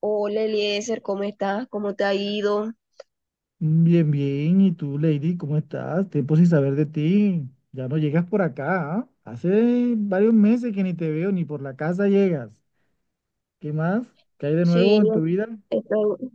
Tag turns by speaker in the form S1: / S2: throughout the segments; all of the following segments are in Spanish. S1: Hola Eliezer, ¿cómo estás? ¿Cómo te ha ido?
S2: Bien, bien. ¿Y tú, Lady, cómo estás? Tiempo sin saber de ti. Ya no llegas por acá, ¿ah? Hace varios meses que ni te veo, ni por la casa llegas. ¿Qué más? ¿Qué hay de
S1: Sí,
S2: nuevo en tu vida?
S1: estoy...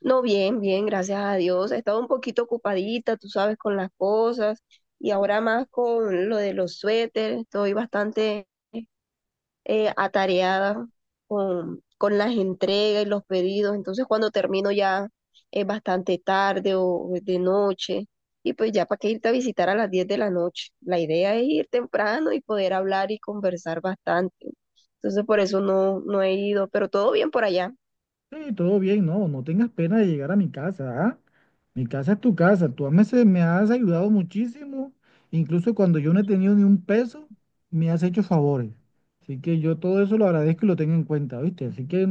S1: No, bien, gracias a Dios. He estado un poquito ocupadita, tú sabes, con las cosas y ahora más con lo de los suéteres. Estoy bastante atareada con las entregas y los pedidos. Entonces, cuando termino ya es bastante tarde o es de noche. Y pues ya para qué irte a visitar a las 10 de la noche. La idea es ir temprano y poder hablar y conversar bastante. Entonces, por eso no he ido, pero todo bien por allá.
S2: Sí, todo bien, no, no tengas pena de llegar a mi casa, ¿ah? Mi casa es tu casa. Me has ayudado muchísimo. Incluso cuando yo no he tenido ni un peso, me has hecho favores. Así que yo todo eso lo agradezco y lo tengo en cuenta, ¿viste? Así que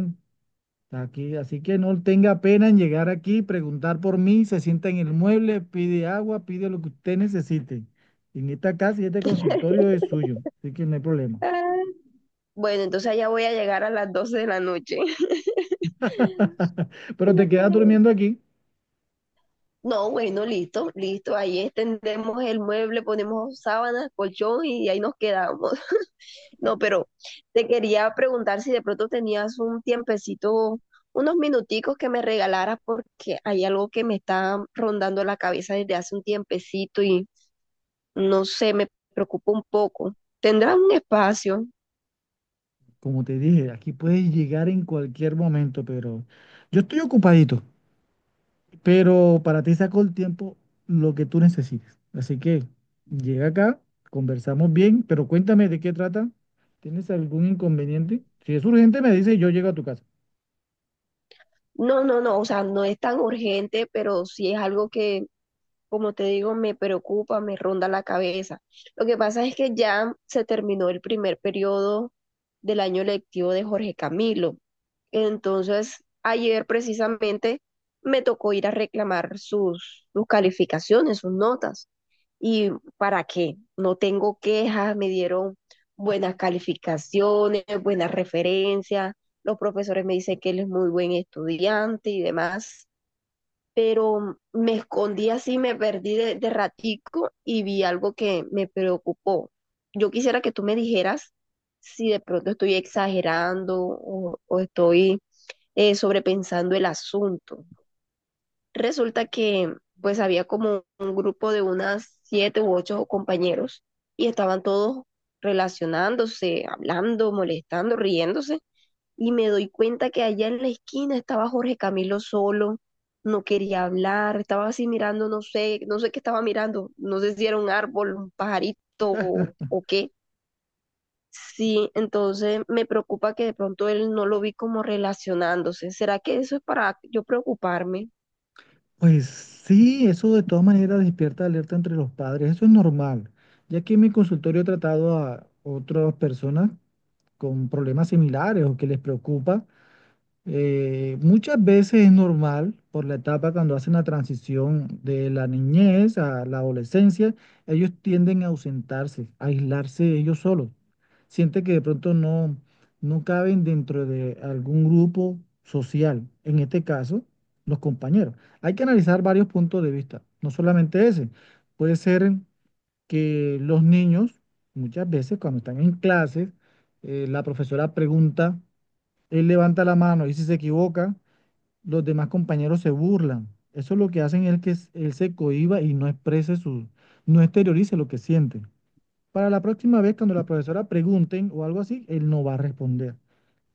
S2: está aquí, así que no tenga pena en llegar aquí, preguntar por mí, se sienta en el mueble, pide agua, pide lo que usted necesite. En esta casa y este consultorio es suyo, así que no hay problema.
S1: Ah, Bueno, entonces allá voy a llegar a las 12 de la noche.
S2: Pero te quedas durmiendo aquí,
S1: No, bueno, listo. Ahí extendemos el mueble, ponemos sábanas, colchón y ahí nos quedamos. No, pero te quería preguntar si de pronto tenías un tiempecito, unos minuticos que me regalaras porque hay algo que me está rondando la cabeza desde hace un tiempecito y no sé, me preocupa un poco. ¿Tendrás un espacio?
S2: como te dije, aquí puedes llegar en cualquier momento, pero yo estoy ocupadito, pero para ti saco el tiempo lo que tú necesites. Así que llega acá, conversamos bien, pero cuéntame de qué trata. ¿Tienes algún inconveniente? Si es urgente, me dice y yo llego a tu casa.
S1: No, o sea, no es tan urgente, pero sí es algo que como te digo, me preocupa, me ronda la cabeza. Lo que pasa es que ya se terminó el primer periodo del año lectivo de Jorge Camilo. Entonces, ayer precisamente me tocó ir a reclamar sus calificaciones, sus notas. ¿Y para qué? No tengo quejas, me dieron buenas calificaciones, buenas referencias, los profesores me dicen que él es muy buen estudiante y demás, pero me escondí así, me perdí de ratico y vi algo que me preocupó. Yo quisiera que tú me dijeras si de pronto estoy exagerando o estoy sobrepensando el asunto. Resulta que pues había como un grupo de unas siete u ocho compañeros y estaban todos relacionándose, hablando, molestando, riéndose y me doy cuenta que allá en la esquina estaba Jorge Camilo solo, no quería hablar, estaba así mirando, no sé, no sé qué estaba mirando, no sé si era un árbol, un pajarito o qué. Sí, entonces me preocupa que de pronto él no lo vi como relacionándose. ¿Será que eso es para yo preocuparme?
S2: Pues sí, eso de todas maneras despierta alerta entre los padres, eso es normal, ya que en mi consultorio he tratado a otras personas con problemas similares o que les preocupa. Muchas veces es normal por la etapa cuando hacen la transición de la niñez a la adolescencia, ellos tienden a ausentarse, a aislarse ellos solos. Siente que de pronto no caben dentro de algún grupo social, en este caso, los compañeros. Hay que analizar varios puntos de vista, no solamente ese. Puede ser que los niños, muchas veces cuando están en clases, la profesora pregunta, él levanta la mano y si se equivoca, los demás compañeros se burlan. Eso lo que hacen es que él se cohíba y no exprese no exteriorice lo que siente. Para la próxima vez, cuando la profesora pregunten o algo así, él no va a responder.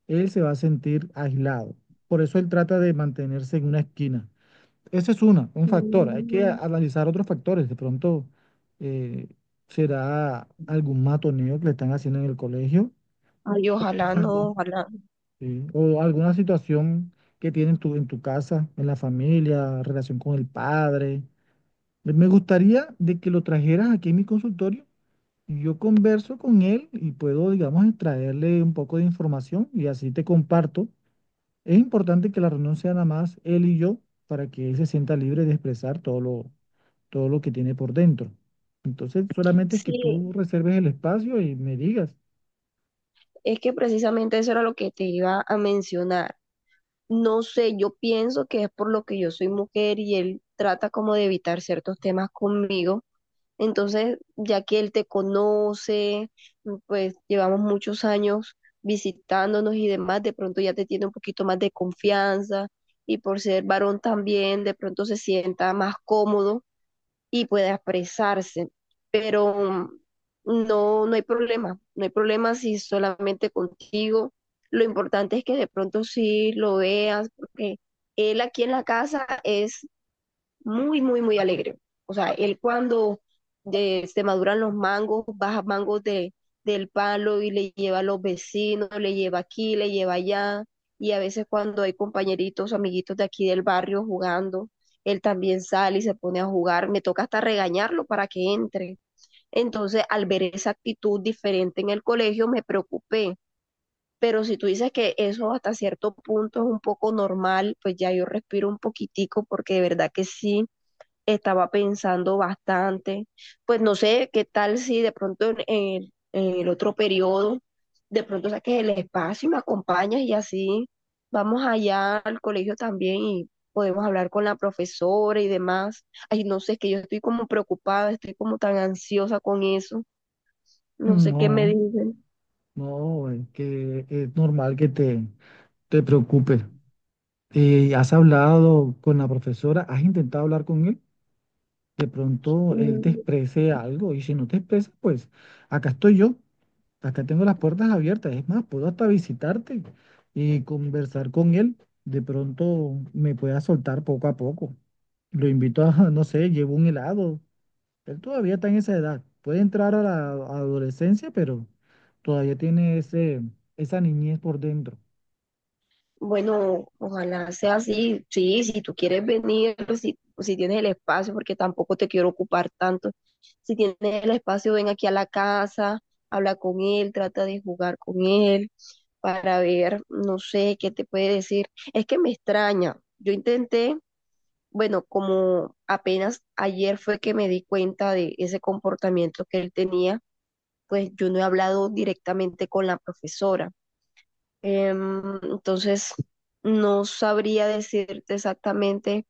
S2: Él se va a sentir aislado. Por eso él trata de mantenerse en una esquina. Ese es un factor. Hay que
S1: Mm.
S2: analizar otros factores. De pronto eh, será algún matoneo que le están haciendo en el colegio.
S1: Ay, ojalá no, ojalá.
S2: Sí, o alguna situación que tiene en en tu casa, en la familia, relación con el padre. Me gustaría de que lo trajeras aquí en mi consultorio, y yo converso con él y puedo, digamos, extraerle un poco de información y así te comparto. Es importante que la reunión sea nada más él y yo para que él se sienta libre de expresar todo lo que tiene por dentro. Entonces, solamente es que
S1: Sí,
S2: tú reserves el espacio y me digas,
S1: es que precisamente eso era lo que te iba a mencionar. No sé, yo pienso que es por lo que yo soy mujer y él trata como de evitar ciertos temas conmigo. Entonces, ya que él te conoce, pues llevamos muchos años visitándonos y demás, de pronto ya te tiene un poquito más de confianza y por ser varón también, de pronto se sienta más cómodo y pueda expresarse. Pero no hay problema, no hay problema si solamente contigo. Lo importante es que de pronto sí lo veas, porque él aquí en la casa es muy, muy, muy alegre. O sea, él cuando se maduran los mangos, baja mangos del palo y le lleva a los vecinos, le lleva aquí, le lleva allá. Y a veces cuando hay compañeritos, amiguitos de aquí del barrio jugando, él también sale y se pone a jugar. Me toca hasta regañarlo para que entre. Entonces, al ver esa actitud diferente en el colegio, me preocupé. Pero si tú dices que eso hasta cierto punto es un poco normal, pues ya yo respiro un poquitico porque de verdad que sí estaba pensando bastante, pues no sé qué tal si de pronto en en el otro periodo, de pronto saques el espacio y me acompañas y así vamos allá al colegio también y podemos hablar con la profesora y demás. Ay, no sé, es que yo estoy como preocupada, estoy como tan ansiosa con eso, no sé qué me
S2: no,
S1: dicen.
S2: no, es que es normal que te preocupes. ¿Has hablado con la profesora? ¿Has intentado hablar con él? De pronto él te exprese algo y si no te expresa, pues acá estoy yo, acá tengo las puertas abiertas. Es más, puedo hasta visitarte y conversar con él. De pronto me pueda soltar poco a poco. Lo invito a, no sé, llevo un helado. Él todavía está en esa edad. Puede entrar a la adolescencia, pero todavía tiene esa niñez por dentro.
S1: Bueno, ojalá sea así. Sí, si tú quieres venir, si tienes el espacio, porque tampoco te quiero ocupar tanto. Si tienes el espacio, ven aquí a la casa, habla con él, trata de jugar con él para ver, no sé, qué te puede decir. Es que me extraña. Yo intenté, bueno, como apenas ayer fue que me di cuenta de ese comportamiento que él tenía, pues yo no he hablado directamente con la profesora. Entonces, no sabría decirte exactamente,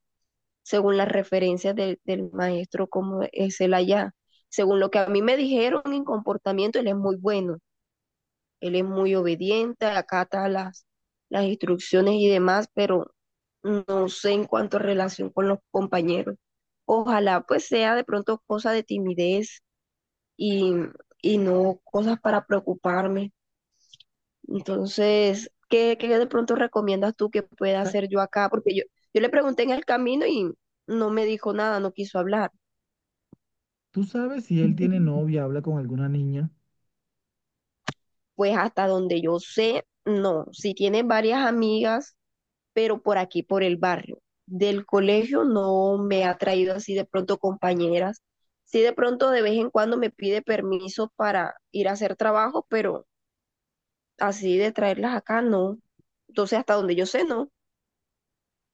S1: según las referencias del maestro, cómo es él allá. Según lo que a mí me dijeron en comportamiento, él es muy bueno, él es muy obediente, acata las instrucciones y demás, pero no sé en cuanto a relación con los compañeros. Ojalá pues sea de pronto cosa de timidez y, y no cosas para preocuparme. Entonces, ¿qué de pronto recomiendas tú que pueda hacer yo acá? Porque yo le pregunté en el camino y no me dijo nada, no quiso hablar.
S2: ¿Tú sabes si él tiene novia, habla con alguna niña?
S1: Pues hasta donde yo sé, no. Sí tiene varias amigas, pero por aquí, por el barrio. Del colegio no me ha traído así de pronto compañeras. Sí de pronto de vez en cuando me pide permiso para ir a hacer trabajo, pero así de traerlas acá, no. Entonces, hasta donde yo sé, no.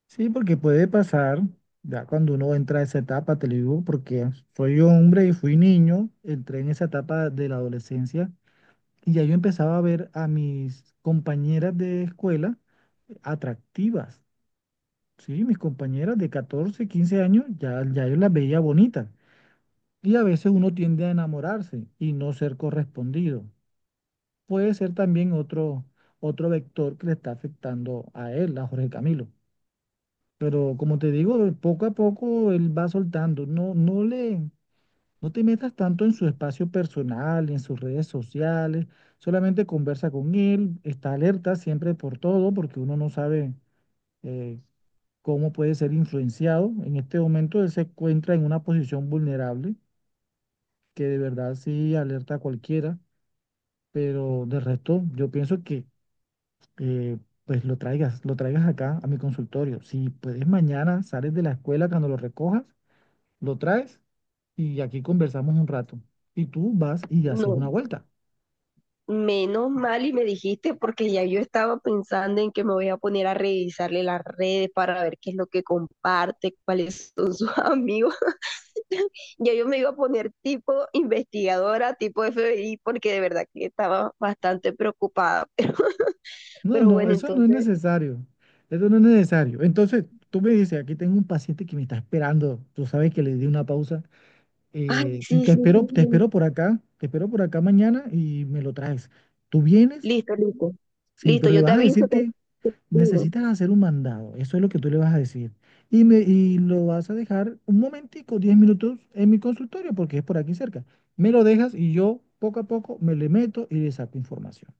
S2: Sí, porque puede pasar, ya cuando uno entra a esa etapa, te lo digo, porque soy hombre y fui niño, entré en esa etapa de la adolescencia y ya yo empezaba a ver a mis compañeras de escuela atractivas, ¿sí? Mis compañeras de 14 o 15 años, ya, ya yo las veía bonitas. Y a veces uno tiende a enamorarse y no ser correspondido. Puede ser también otro vector que le está afectando a él, a Jorge Camilo. Pero como te digo, poco a poco él va soltando. No te metas tanto en su espacio personal, en sus redes sociales. Solamente conversa con él, está alerta siempre por todo, porque uno no sabe eh, cómo puede ser influenciado. En este momento él se encuentra en una posición vulnerable, que de verdad sí alerta a cualquiera. Pero de resto, yo pienso que eh, pues lo traigas acá a mi consultorio. Si puedes mañana, sales de la escuela cuando lo recojas, lo traes y aquí conversamos un rato. Y tú vas y haces
S1: No.
S2: una vuelta.
S1: Menos mal y me dijiste porque ya yo estaba pensando en que me voy a poner a revisarle las redes para ver qué es lo que comparte, cuáles son sus amigos. Ya yo me iba a poner tipo investigadora, tipo FBI, porque de verdad que estaba bastante preocupada.
S2: No,
S1: Pero
S2: no,
S1: bueno,
S2: eso no es
S1: entonces,
S2: necesario. Eso no es necesario. Entonces, tú me dices, aquí tengo un paciente que me está esperando. Tú sabes que le di una pausa.
S1: ay, sí,
S2: Te
S1: sí,
S2: espero,
S1: sí,
S2: te
S1: sí.
S2: espero por acá. Te espero por acá mañana y me lo traes. ¿Tú vienes?
S1: Listo, listo.
S2: Sí,
S1: Listo,
S2: pero le
S1: yo te
S2: vas a
S1: aviso,
S2: decir
S1: te
S2: que
S1: escribo.
S2: necesitas hacer un mandado, eso es lo que tú le vas a decir. Y lo vas a dejar un momentico, 10 minutos en mi consultorio, porque es por aquí cerca. Me lo dejas y yo poco a poco me le meto y le saco información.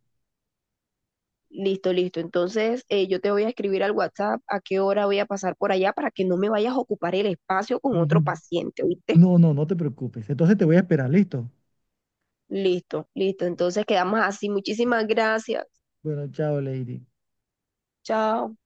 S1: Listo, listo. Entonces, yo te voy a escribir al WhatsApp a qué hora voy a pasar por allá para que no me vayas a ocupar el espacio con otro
S2: Ujú.
S1: paciente, ¿oíste?
S2: No, no, no te preocupes. Entonces te voy a esperar, ¿listo?
S1: Listo, listo. Entonces, quedamos así. Muchísimas gracias.
S2: Bueno, chao, Lady.
S1: Chao.